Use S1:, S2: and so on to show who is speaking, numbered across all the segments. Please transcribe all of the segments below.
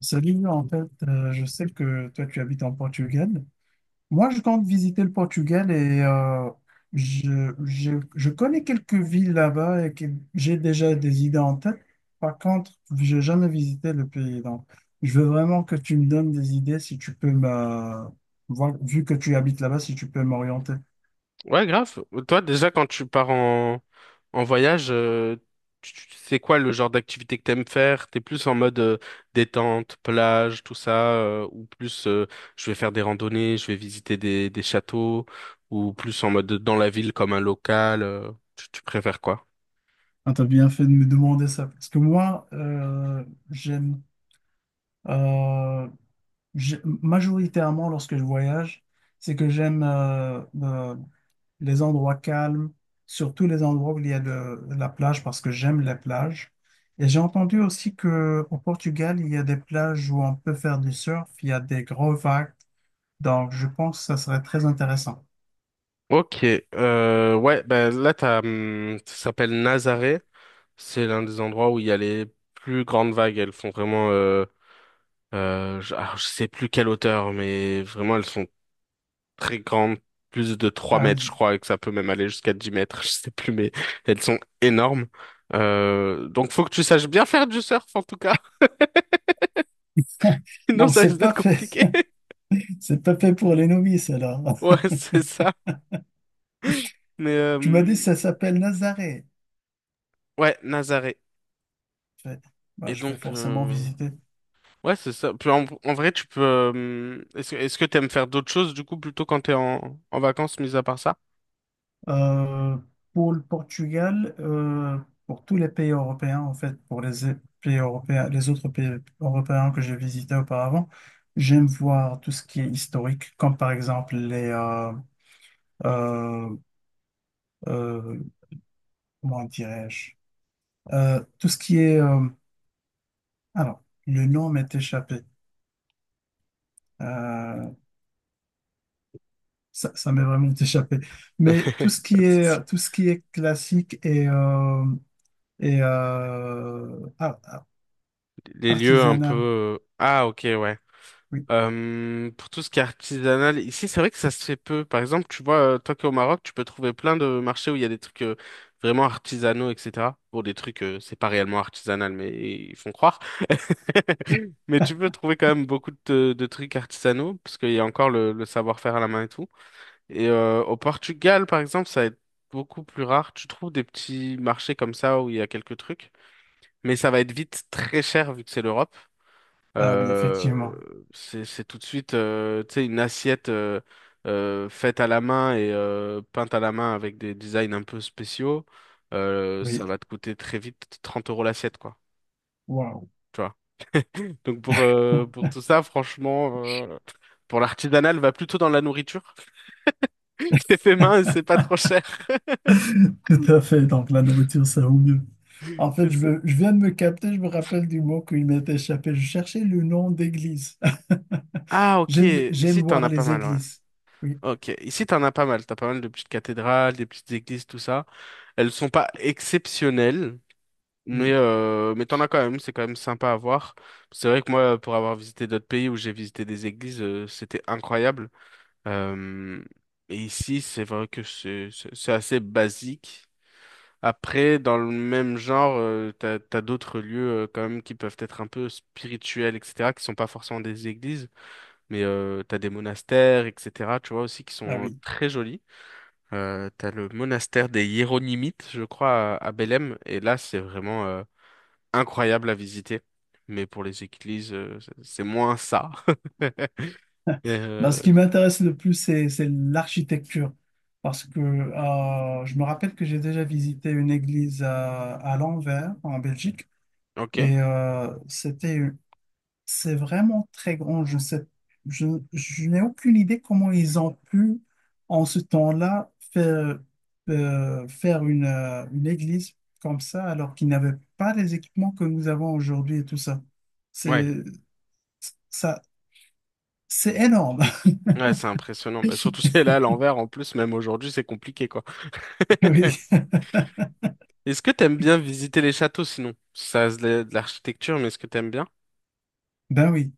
S1: Salut, je sais que toi tu habites en Portugal. Moi, je compte visiter le Portugal et je connais quelques villes là-bas et que j'ai déjà des idées en tête. Par contre, j'ai jamais visité le pays. Donc, je veux vraiment que tu me donnes des idées si tu peux vu que tu habites là-bas, si tu peux m'orienter.
S2: Ouais, grave. Toi, déjà, quand tu pars en voyage, c'est quoi le genre d'activité que t'aimes faire? T'es plus en mode détente, plage, tout ça, ou plus je vais faire des randonnées, je vais visiter des châteaux, ou plus en mode dans la ville comme un local, tu préfères quoi?
S1: Ah, t'as bien fait de me demander ça, parce que moi, j'aime euh, majoritairement lorsque je voyage, c'est que j'aime les endroits calmes, surtout les endroits où il y a de la plage, parce que j'aime les plages. Et j'ai entendu aussi que au Portugal, il y a des plages où on peut faire du surf, il y a des gros vagues, donc, je pense que ça serait très intéressant.
S2: Ok, ouais, ben là, t'as, ça s'appelle Nazaré. C'est l'un des endroits où il y a les plus grandes vagues. Elles font vraiment, je sais plus quelle hauteur, mais vraiment, elles sont très grandes, plus de trois
S1: Ah
S2: mètres, je
S1: oui.
S2: crois, et que ça peut même aller jusqu'à 10 mètres, je sais plus, mais elles sont énormes. Donc, faut que tu saches bien faire du surf, en tout cas. Sinon,
S1: Donc,
S2: ça
S1: c'est
S2: risque d'être
S1: pas fait.
S2: compliqué.
S1: C'est pas fait pour les novices, alors.
S2: Ouais, c'est ça. Mais,
S1: Tu m'as dit que ça s'appelle Nazaré.
S2: ouais, Nazaré.
S1: Je fais, bah,
S2: Et
S1: je vais
S2: donc,
S1: forcément visiter.
S2: ouais, c'est ça. Puis en vrai, tu peux. Est-ce que t'aimes faire d'autres choses du coup plutôt quand t'es en vacances, mis à part ça?
S1: Euh, pour le Portugal, pour tous les pays européens, en fait, pour les pays européens, les autres pays européens que j'ai visités auparavant, j'aime voir tout ce qui est historique, comme par exemple les, euh, euh, comment dirais-je, tout ce qui est, alors, le nom m'est échappé. Euh, ça m'est vraiment échappé. Mais
S2: Pas de souci.
S1: tout ce qui est classique et
S2: Les lieux un peu.
S1: artisanal.
S2: Ah, ok, ouais.
S1: Oui.
S2: Pour tout ce qui est artisanal, ici, c'est vrai que ça se fait peu. Par exemple, tu vois, toi qui es au Maroc, tu peux trouver plein de marchés où il y a des trucs vraiment artisanaux, etc. Pour des trucs, c'est pas réellement artisanal, mais ils font croire. Mais tu peux trouver quand même beaucoup de trucs artisanaux, parce qu'il y a encore le savoir-faire à la main et tout. Et au Portugal, par exemple, ça va être beaucoup plus rare. Tu trouves des petits marchés comme ça où il y a quelques trucs, mais ça va être vite très cher vu que c'est l'Europe.
S1: Ah oui,
S2: Euh,
S1: effectivement.
S2: c'est, tout de suite, tu sais, une assiette faite à la main et peinte à la main avec des designs un peu spéciaux.
S1: Oui.
S2: Ça va te coûter très vite 30 € l'assiette, quoi.
S1: Waouh.
S2: Tu vois. Donc pour, pour tout ça, franchement, pour l'artisanal, va plutôt dans la nourriture. C'est fait main et c'est pas trop cher.
S1: Tout à fait. Donc, la nourriture, ça vaut mieux. En fait, je viens de me capter, je me rappelle du mot qui m'est échappé. Je cherchais le nom d'église.
S2: Ah, ok.
S1: J'aime
S2: Ici, t'en
S1: voir
S2: as pas
S1: les
S2: mal, ouais.
S1: églises. Oui,
S2: Ok. Ici, t'en as pas mal. T'as pas mal de petites cathédrales, des petites églises, tout ça. Elles sont pas exceptionnelles, mais,
S1: oui.
S2: euh, mais t'en as quand même. C'est quand même sympa à voir. C'est vrai que moi, pour avoir visité d'autres pays où j'ai visité des églises, c'était incroyable. Euh, et ici, c'est vrai que c'est assez basique. Après, dans le même genre, t'as, d'autres lieux, quand même qui peuvent être un peu spirituels, etc., qui sont pas forcément des églises. Mais t'as des monastères, etc. Tu vois aussi qui
S1: Ah
S2: sont
S1: oui.
S2: très jolis. T'as le monastère des Hiéronymites, je crois, à Belém. Et là, c'est vraiment incroyable à visiter. Mais pour les églises, c'est moins ça.
S1: Ben,
S2: Euh,
S1: ce qui m'intéresse le plus, c'est l'architecture. Parce que je me rappelle que j'ai déjà visité une église à Lanvers, en Belgique.
S2: ok.
S1: C'était. C'est vraiment très grand. Je, je n'ai aucune idée comment ils ont pu, en ce temps-là, faire une église comme ça, alors qu'ils n'avaient pas les équipements que nous avons aujourd'hui et tout ça.
S2: Ouais.
S1: C'est, ça c'est énorme.
S2: Ouais, c'est impressionnant. Bah, surtout celle-là à l'envers, en plus, même aujourd'hui, c'est compliqué, quoi.
S1: Oui.
S2: Est-ce que t'aimes bien visiter les châteaux, sinon? Ça, c'est de l'architecture, mais est-ce que t'aimes bien?
S1: Ben oui.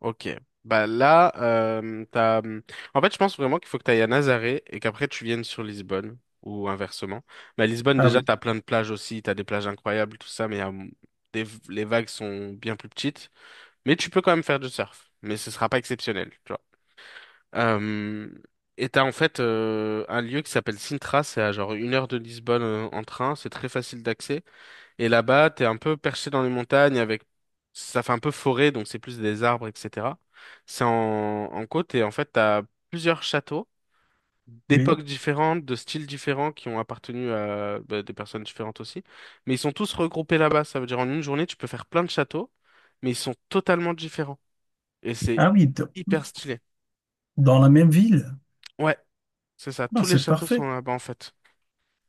S2: Ok. Bah là. En fait, je pense vraiment qu'il faut que tu ailles à Nazaré et qu'après tu viennes sur Lisbonne ou inversement. Mais à Lisbonne,
S1: Ah
S2: déjà,
S1: oui.
S2: t'as plein de plages aussi, t'as des plages incroyables, tout ça, mais les vagues sont bien plus petites. Mais tu peux quand même faire du surf, mais ce sera pas exceptionnel, tu vois. Euh, et t'as en fait un lieu qui s'appelle Sintra, c'est à genre une heure de Lisbonne en train, c'est très facile d'accès. Et là-bas, t'es un peu perché dans les montagnes avec, ça fait un peu forêt, donc c'est plus des arbres, etc. C'est en côte et en fait, t'as plusieurs châteaux
S1: Oui.
S2: d'époques différentes, de styles différents qui ont appartenu à bah, des personnes différentes aussi. Mais ils sont tous regroupés là-bas. Ça veut dire en une journée, tu peux faire plein de châteaux, mais ils sont totalement différents. Et c'est
S1: Ah oui. d-
S2: hyper stylé.
S1: Dans la même ville.
S2: Ouais, c'est ça.
S1: Ben,
S2: Tous les
S1: c'est
S2: châteaux sont
S1: parfait.
S2: là-bas en fait.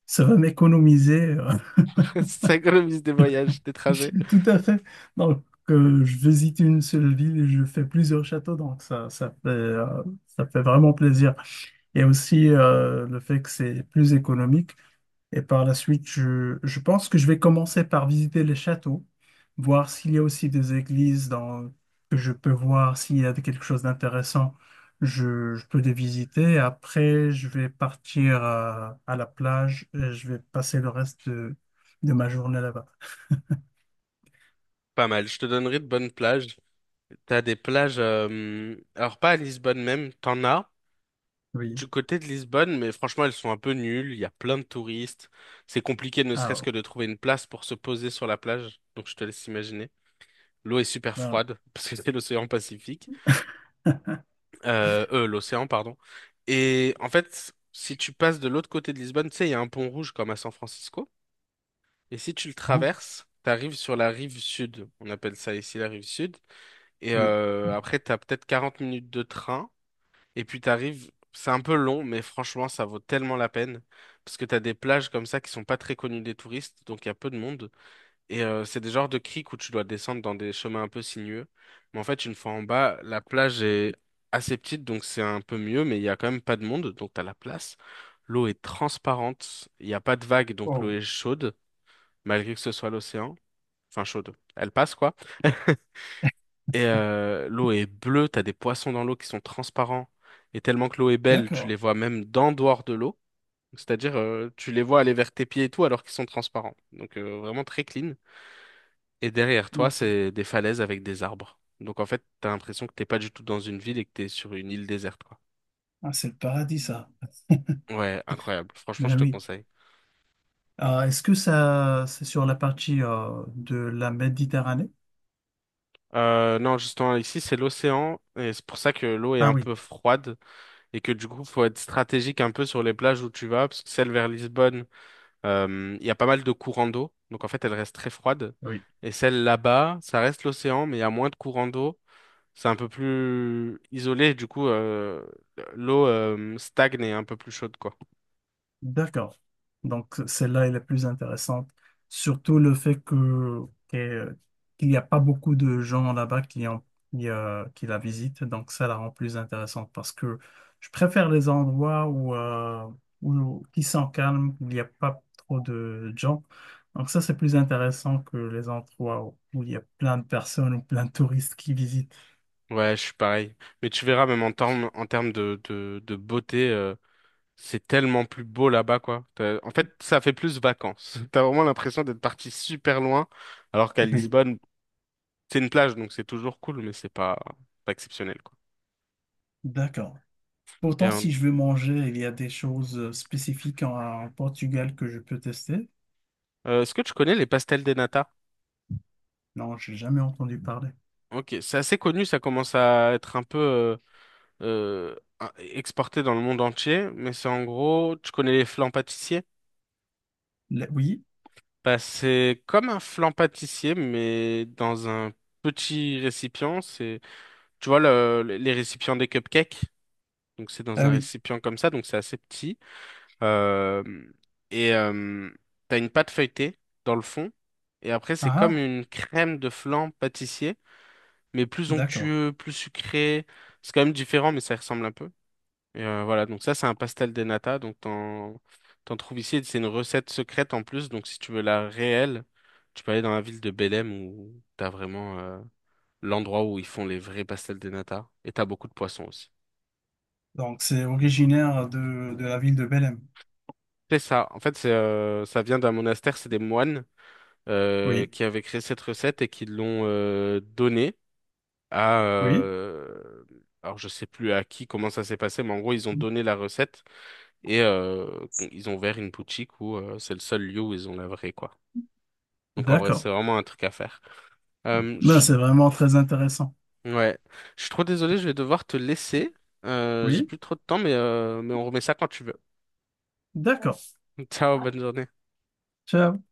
S1: Ça va m'économiser.
S2: Ça économise des voyages, des trajets.
S1: Tout à fait. Donc, je visite une seule ville et je fais plusieurs châteaux, donc ça fait vraiment plaisir. Et aussi le fait que c'est plus économique. Et par la suite, je pense que je vais commencer par visiter les châteaux, voir s'il y a aussi des églises que je peux voir, s'il y a quelque chose d'intéressant, je peux les visiter. Après, je vais partir à la plage et je vais passer le reste de ma journée là-bas.
S2: Pas mal. Je te donnerai de bonnes plages. T'as des plages, alors pas à Lisbonne même, t'en as
S1: Oui.
S2: du côté de Lisbonne, mais franchement elles sont un peu nulles, il y a plein de touristes, c'est compliqué ne serait-ce que
S1: Alors.
S2: de trouver une place pour se poser sur la plage, donc je te laisse imaginer. L'eau est super
S1: Ben oui.
S2: froide, parce que c'est l'océan Pacifique, l'océan, pardon. Et en fait, si tu passes de l'autre côté de Lisbonne, tu sais, il y a un pont rouge comme à San Francisco, et si tu le
S1: Hein.
S2: traverses, t'arrives sur la rive sud, on appelle ça ici la rive sud, et
S1: Oui.
S2: après t'as peut-être 40 minutes de train. Et puis t'arrives, c'est un peu long, mais franchement, ça vaut tellement la peine. Parce que t'as des plages comme ça qui sont pas très connues des touristes, donc il y a peu de monde. Et c'est des genres de criques où tu dois descendre dans des chemins un peu sinueux. Mais en fait, une fois en bas, la plage est assez petite, donc c'est un peu mieux, mais il y a quand même pas de monde, donc t'as la place. L'eau est transparente, il n'y a pas de vagues, donc l'eau
S1: Oh,
S2: est chaude, malgré que ce soit l'océan. Enfin, chaude. Elle passe, quoi. Et l'eau est bleue, t'as des poissons dans l'eau qui sont transparents. Et tellement que l'eau est belle, tu les
S1: d'accord.
S2: vois même d'en dehors de l'eau. C'est-à-dire, tu les vois aller vers tes pieds et tout alors qu'ils sont transparents. Donc vraiment très clean. Et derrière toi,
S1: Ouais, c'est
S2: c'est des falaises avec des arbres. Donc en fait, t'as l'impression que t'es pas du tout dans une ville et que t'es sur une île déserte, quoi.
S1: ah, c'est le paradis, ça.
S2: Ouais, incroyable. Franchement,
S1: Ben
S2: je te
S1: oui.
S2: conseille.
S1: Ah, est-ce que ça, c'est sur la partie de la Méditerranée?
S2: Non, justement, ici, c'est l'océan, et c'est pour ça que l'eau est
S1: Ah
S2: un
S1: oui.
S2: peu froide, et que du coup, faut être stratégique un peu sur les plages où tu vas, parce que celle vers Lisbonne, il y a pas mal de courants d'eau, donc en fait elle reste très froide.
S1: Oui.
S2: Et celle là-bas, ça reste l'océan, mais il y a moins de courants d'eau. C'est un peu plus isolé, du coup l'eau stagne et est un peu plus chaude, quoi.
S1: D'accord. Donc, celle-là, elle est plus intéressante. Surtout le fait que- qu'il n'y a pas beaucoup de gens là-bas qui la visitent. Donc, ça la rend plus intéressante parce que je préfère les endroits qui sont calmes, où il n'y a pas trop de gens. Donc, ça, c'est plus intéressant que les endroits où il y a plein de personnes ou plein de touristes qui visitent.
S2: Ouais, je suis pareil. Mais tu verras même en termes de beauté, c'est tellement plus beau là-bas, quoi. En fait, ça fait plus vacances. T'as vraiment l'impression d'être parti super loin, alors qu'à
S1: Oui.
S2: Lisbonne, c'est une plage, donc c'est toujours cool, mais c'est pas, pas exceptionnel, quoi.
S1: D'accord.
S2: Et
S1: Pourtant, si je veux manger, il y a des choses spécifiques en en Portugal que je peux tester.
S2: est-ce que tu connais les pastels des nata.
S1: Non, j'ai jamais entendu parler.
S2: Ok, c'est assez connu, ça commence à être un peu exporté dans le monde entier, mais c'est en gros, tu connais les flans pâtissiers?
S1: Le- oui?
S2: Bah, c'est comme un flan pâtissier, mais dans un petit récipient. C'est, tu vois, les récipients des cupcakes. Donc, c'est dans
S1: Ah
S2: un
S1: oui.
S2: récipient comme ça, donc c'est assez petit. Euh, et t'as une pâte feuilletée dans le fond. Et après, c'est
S1: Ah,
S2: comme
S1: ah,
S2: une crème de flan pâtissier, mais plus
S1: d'accord.
S2: onctueux, plus sucré. C'est quand même différent, mais ça ressemble un peu. Et voilà, donc ça, c'est un pastel de nata. Donc, t'en trouves ici. C'est une recette secrète en plus. Donc, si tu veux la réelle, tu peux aller dans la ville de Belém où t'as vraiment l'endroit où ils font les vrais pastels de nata. Et t'as beaucoup de poissons aussi.
S1: Donc, c'est originaire de la ville de Belém.
S2: C'est ça. En fait, ça vient d'un monastère. C'est des moines
S1: Oui,
S2: qui avaient créé cette recette et qui l'ont donnée à.
S1: oui,
S2: Alors, je sais plus à qui, comment ça s'est passé, mais en gros, ils ont donné la recette. Et ils ont ouvert une boutique où c'est le seul lieu où ils ont la vraie, quoi. Donc en vrai,
S1: d'accord.
S2: c'est vraiment un truc à faire. Euh,
S1: Ben,
S2: je-
S1: c'est vraiment très intéressant.
S2: Ouais, je suis trop désolé, je vais devoir te laisser. J'ai
S1: Oui,
S2: plus trop de temps, mais, mais on remet ça quand tu veux.
S1: d'accord.
S2: Ciao, bonne journée.
S1: Ciao.